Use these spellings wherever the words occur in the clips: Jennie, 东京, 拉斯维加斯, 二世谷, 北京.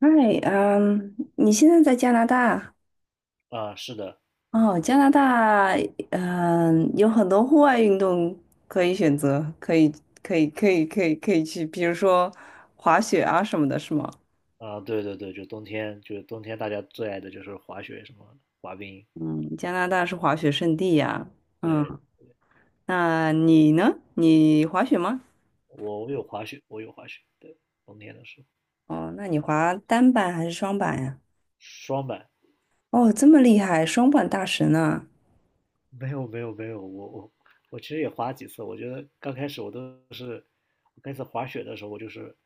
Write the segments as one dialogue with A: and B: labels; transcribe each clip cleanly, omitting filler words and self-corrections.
A: 嗨，你现在在加拿大？
B: 啊，是的。
A: 哦，加拿大，有很多户外运动可以选择，可以去，比如说滑雪啊什么的，是吗？
B: 对对对，就是冬天大家最爱的就是滑雪什么的滑冰。
A: 嗯，加拿大是滑雪圣地呀。嗯，
B: 对。
A: 那你呢？你滑雪吗？
B: 我有滑雪，对。冬天的时候，
A: 哦，那你滑单板还是双板呀？
B: 双板。
A: 哦，这么厉害，双板大神呢？
B: 没有没有没有，我其实也滑几次。我觉得刚开始我都是，我开始滑雪的时候，我就是，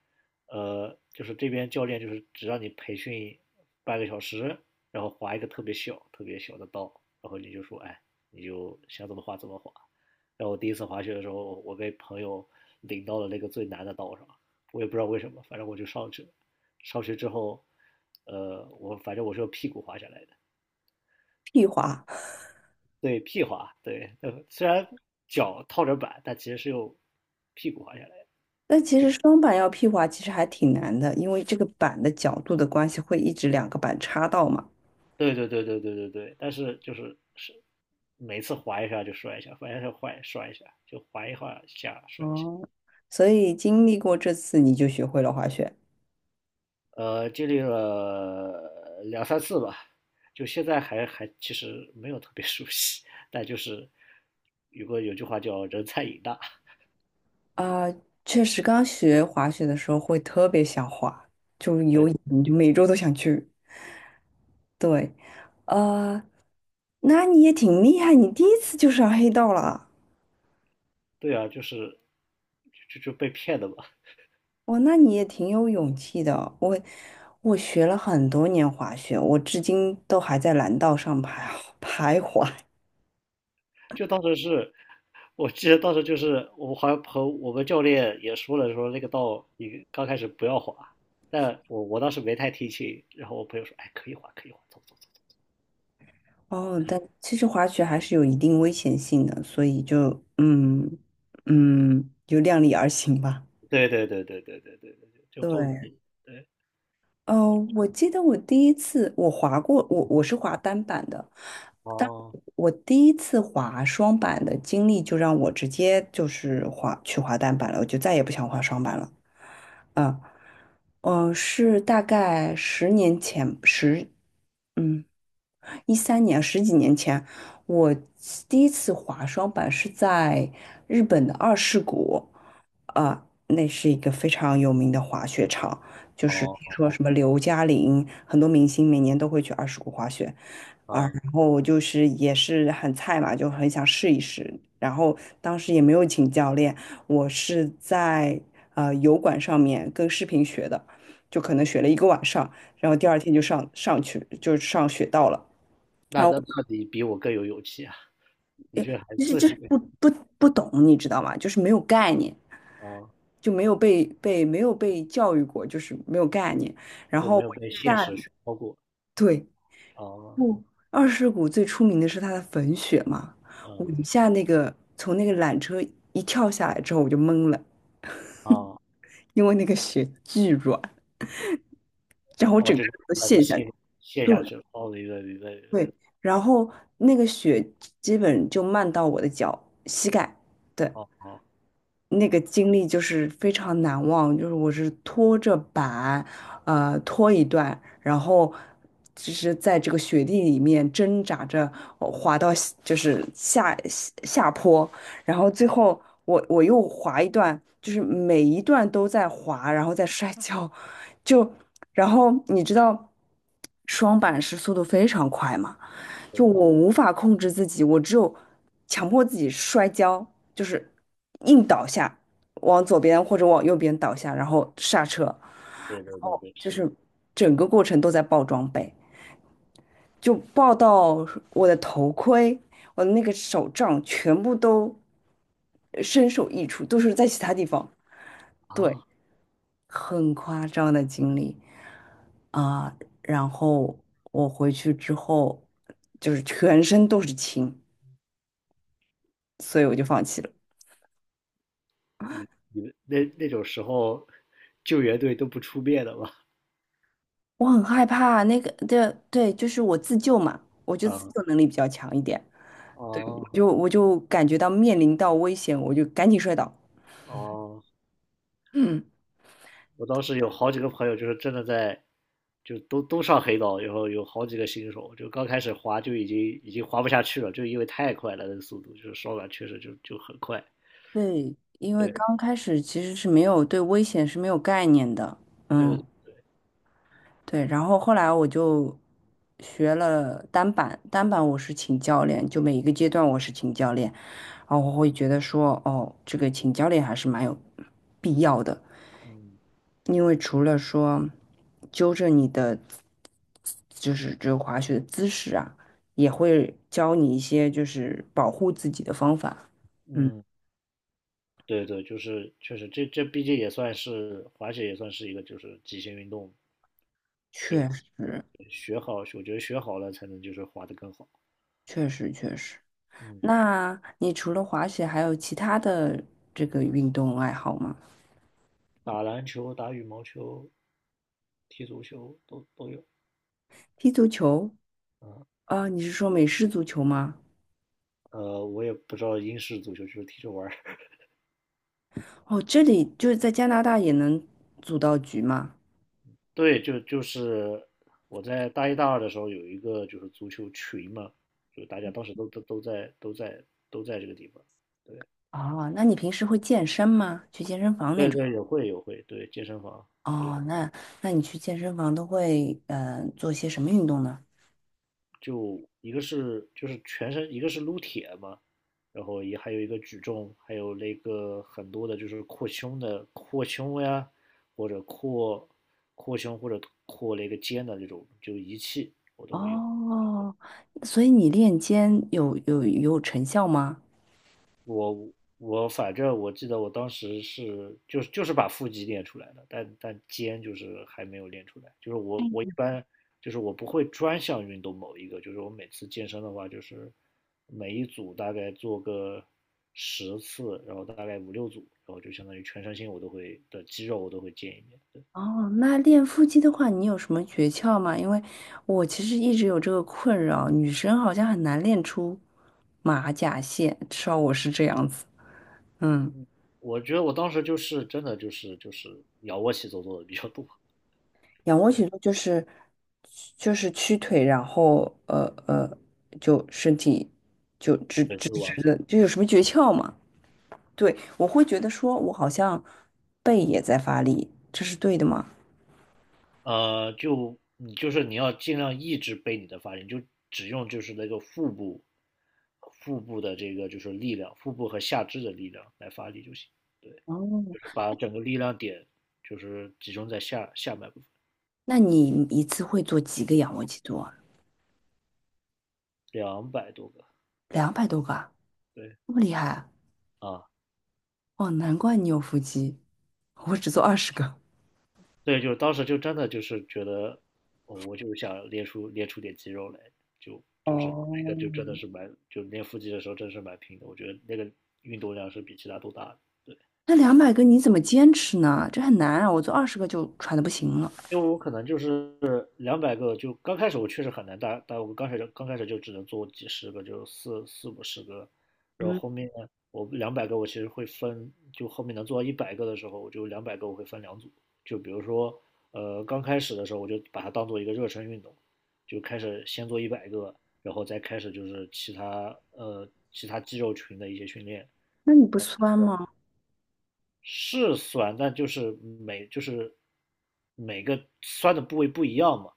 B: 就是这边教练就是只让你培训半个小时，然后滑一个特别小特别小的道，然后你就说，哎，你就想怎么滑怎么滑。然后我第一次滑雪的时候，我被朋友领到了那个最难的道上，我也不知道为什么，反正我就上去了。上去之后，我反正我是用屁股滑下来的。
A: 屁滑。
B: 对，屁滑。对，虽然脚套着板，但其实是用屁股滑下来的。
A: 但其实双板要屁滑其实还挺难的，因为这个板的角度的关系会一直两个板插到嘛。
B: 对对对对对对对，但是就是每次滑一下就摔一下，反正下坏摔一下，就滑一滑下摔一下。
A: 哦，所以经历过这次，你就学会了滑雪
B: 经历了两三次吧，就现在还其实没有特别 熟悉，但就是有个有句话叫"人菜瘾大"。
A: 啊。确实，刚学滑雪的时候会特别想滑，就有瘾，
B: 对，
A: 就每周都想去。对，呃，那你也挺厉害，你第一次就上黑道了啊。
B: 对啊，就是就被骗的嘛。
A: 哇，那你也挺有勇气的。我学了很多年滑雪，我至今都还在蓝道上徘 徘徊。
B: 就当时是，我记得当时就是我好像和我们教练也说了，说那个道你刚开始不要滑，但我当时没太听清，然后我朋友说，哎，可以滑，可以滑，走走走。
A: 哦，但其实滑雪还是有一定危险性的，所以就嗯嗯，就量力而行吧。
B: 对对对对对对对对对，就后面。
A: 对，
B: 对。
A: 哦，我记得我第一次我滑过，我是滑单板的，但
B: 哦
A: 我第一次滑双板的经历就让我直接就是滑去滑单板了，我就再也不想滑双板了。嗯，是大概10年前，嗯13年，十几年前，我第一次滑双板是在日本的二世谷。啊、那是一个非常有名的滑雪场，就是听
B: 哦
A: 说
B: 哦。
A: 什么刘嘉玲，很多明星每年都会去二世谷滑雪啊。
B: 啊，
A: 然后我就是也是很菜嘛，就很想试一试。然后当时也没有请教练，我是在油管上面跟视频学的，就可能学了一个晚上，然后第二天就上去就上雪道了。
B: 那
A: 啊，
B: 那那你比我更有勇气啊。你这还
A: 就是
B: 自
A: 就是
B: 学
A: 不不不懂，你知道吗？就是没有概念，
B: 啊。
A: 就没有被教育过，就是没有概念。然
B: 就
A: 后
B: 没有
A: 我一
B: 被
A: 下
B: 现实熏陶过
A: 对，
B: 啊。
A: 不，二世谷最出名的是它的粉雪嘛，
B: 嗯。
A: 我一下那个从那个缆车一跳下来之后，我就懵了。
B: 啊。
A: 因为那个雪巨软，然后我
B: 哦，
A: 整个
B: 就是
A: 人都
B: 把你
A: 陷下
B: 陷
A: 去。
B: 陷
A: 对
B: 下去了。哦，明白明白明白。
A: 对，然后那个雪基本就漫到我的脚膝盖。对。
B: 哦哦。
A: 那个经历就是非常难忘，就是我是拖着板，拖一段，然后就是在这个雪地里面挣扎着滑到下就是下下下坡。然后最后我又滑一段，就是每一段都在滑，然后在摔跤，就然后你知道双板是速度非常快嘛。就
B: 对
A: 我无法控制自己，我只有强迫自己摔跤，就是硬倒下，往左边或者往右边倒下，然后刹车，然
B: 对对对
A: 后
B: 对，
A: 就
B: 是的。
A: 是整个过程都在爆装备，就爆到我的头盔、我的那个手杖全部都身首异处，都是在其他地方，对，
B: 啊，
A: 很夸张的经历啊。然后我回去之后就是全身都是青。所以我就放弃了。
B: 你们那种时候，救援队都不出面的吗？
A: 我很害怕那个，对对，就是我自救嘛，我就 自
B: 啊。
A: 救能力比较强一点，
B: 哦
A: 就我就感觉到面临到危险，我就赶紧摔倒。
B: 哦。
A: 嗯，
B: 我当时有好几个朋友，就是真的在，就都上黑道，然后有好几个新手，就刚开始滑就已经滑不下去了，就因为太快了，那个速度就是手感确实就很快。
A: 对，因为
B: 对
A: 刚开始其实是没有对危险是没有概念的。
B: 对
A: 嗯，
B: 对。
A: 对，然后后来我就学了单板，单板我是请教练，就每一个阶段我是请教练，然后我会觉得说，哦，这个请教练还是蛮有必要的。
B: 嗯
A: 因为除了说纠正你的，就是这个滑雪的姿势啊，也会教你一些就是保护自己的方法。嗯，
B: 嗯。对对，就是确实，这毕竟也算是滑雪，也算是一个就是极限运动，
A: 确实，
B: 学好，我觉得学好了才能就是滑得更好。
A: 确实，确实。
B: 嗯。
A: 那你除了滑雪，还有其他的这个运动爱好吗？
B: 打篮球、打羽毛球、踢足球都有。
A: 踢足球？
B: 嗯。
A: 啊，你是说美式足球吗？
B: 我也不知道英式足球就是踢着玩儿。
A: 哦，这里就是在加拿大也能组到局吗？
B: 对，就是我在大一大二的时候有一个就是足球群嘛，就大家当时都在这个地方。对
A: 哦，那你平时会健身吗？去健身房那
B: 对
A: 种？
B: 对，有会有会，对健身房。对。
A: 哦，那那你去健身房都会做些什么运动呢？
B: 就一个是就是全身，一个是撸铁嘛，然后也还有一个举重，还有那个很多的就是扩胸呀，或者扩胸或者扩那个肩的这种就仪器我都会用。
A: 哦，所以你练肩有成效吗？
B: 我我反正我记得我当时是就是把腹肌练出来的，但肩就是还没有练出来。就是我一般就是我不会专项运动某一个，就是我每次健身的话，就是每一组大概做个10次，然后大概五六组，然后就相当于全身心我都会的肌肉我都会见一遍。对。
A: 哦，那练腹肌的话，你有什么诀窍吗？因为我其实一直有这个困扰，女生好像很难练出马甲线，至少我是这样子。嗯，
B: 我觉得我当时就是真的就是仰卧起坐做的比较多。
A: 仰卧起
B: 对
A: 坐就是屈腿，然后就身体就直
B: 对，
A: 直
B: 会往
A: 直
B: 上。
A: 的，就有什么诀窍吗？对，我会觉得说，我好像背也在发力，这是对的吗？
B: 就你就是你要尽量抑制背你的发力，你就只用就是那个腹部，腹部的这个就是力量，腹部和下肢的力量来发力就行。对，
A: 哦，
B: 就是把整个力量点就是集中在下半部分。
A: 那你一次会做几个仰卧起坐啊？
B: 200多个。
A: 200多个啊？
B: 对
A: 这么厉害啊！
B: 啊。
A: 哦，难怪你有腹肌，我只做二十个。
B: 对，就是当时就真的就是觉得，哦我就想练出点肌肉来，就是那个
A: 哦，
B: 就真的是蛮就练腹肌的时候真是蛮拼的，我觉得那个运动量是比其他都大的。对。
A: 那200个你怎么坚持呢？这很难啊，我做二十个就喘的不行了。
B: 因为我可能就是两百个，就刚开始我确实很难打但我刚开始就只能做几十个，就四五十个，然后
A: 嗯，
B: 后面我两百个我其实会分，就后面能做到一百个的时候，我就两百个我会分两组，就比如说刚开始的时候我就把它当做一个热身运动，就开始先做一百个，然后再开始就是其他肌肉群的一些训练。
A: 那你不酸吗？
B: 是酸，但就是每个酸的部位不一样嘛。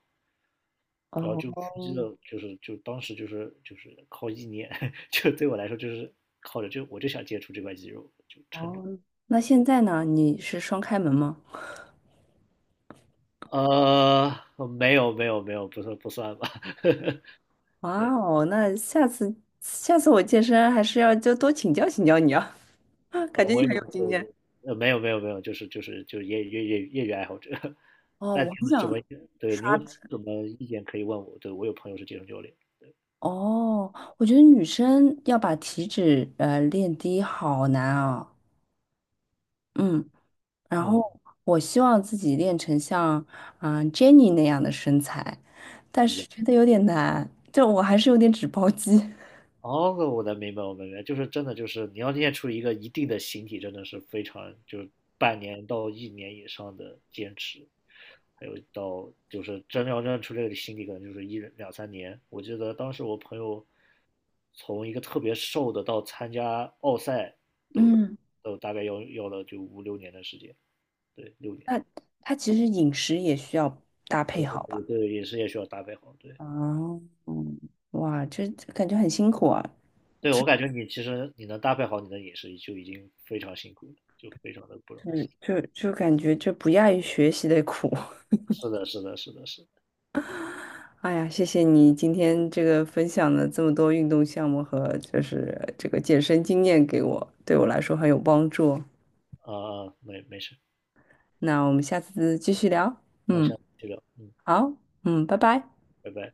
B: 然后
A: 哦
B: 就腹肌的，就是当时就是靠意念，就对我来说就是靠着就我就想接触这块肌肉，就撑着。
A: 哦，那现在呢？你是双开门吗？
B: 呃，没有没有没有，不算不算吧。
A: 哇
B: 对，
A: 哦，那下次我健身还是要就多请教请教你啊。感觉
B: 我
A: 你
B: 也
A: 很
B: 不
A: 有经
B: 会的。
A: 验。
B: 没有没有没有，就是就是业余爱好者。
A: 哦，
B: 那你
A: 我很
B: 有什
A: 想
B: 么？对你
A: 刷
B: 有
A: 脂。
B: 什么意见可以问我？对我有朋友是健身教练。
A: 哦，我觉得女生要把体脂练低好难啊。嗯，然
B: 嗯。
A: 后我希望自己练成像Jennie 那样的身材，但是觉得有点难，就我还是有点脂包肌。
B: 哦，我能明白，我明白，就是真的，就是你要练出一个一定的形体，真的是非常，就是半年到一年以上的坚持，还有到就是真要练出这个形体，可能就是一两三年。我记得当时我朋友从一个特别瘦的到参加奥赛 都
A: 嗯，
B: 都大概要了就五六年的时间。对，六年。
A: 那它其实饮食也需要搭配
B: 对，
A: 好吧？
B: 对饮食也需要搭配好。对，
A: 啊，嗯，哇，这感觉很辛苦啊，
B: 对我感觉你其实你能搭配好你的饮食就已经非常辛苦了，就非常的不容易。
A: 就感觉这不亚于学习的苦。
B: 是的，是的，是的，是的。
A: 哎呀，谢谢你今天这个分享的这么多运动项目和就是这个健身经验给我，对我来说很有帮助。
B: 啊啊，没事，
A: 那我们下次继续聊。
B: 那
A: 嗯，
B: 下次再聊。嗯。
A: 好，嗯，拜拜。
B: 拜拜。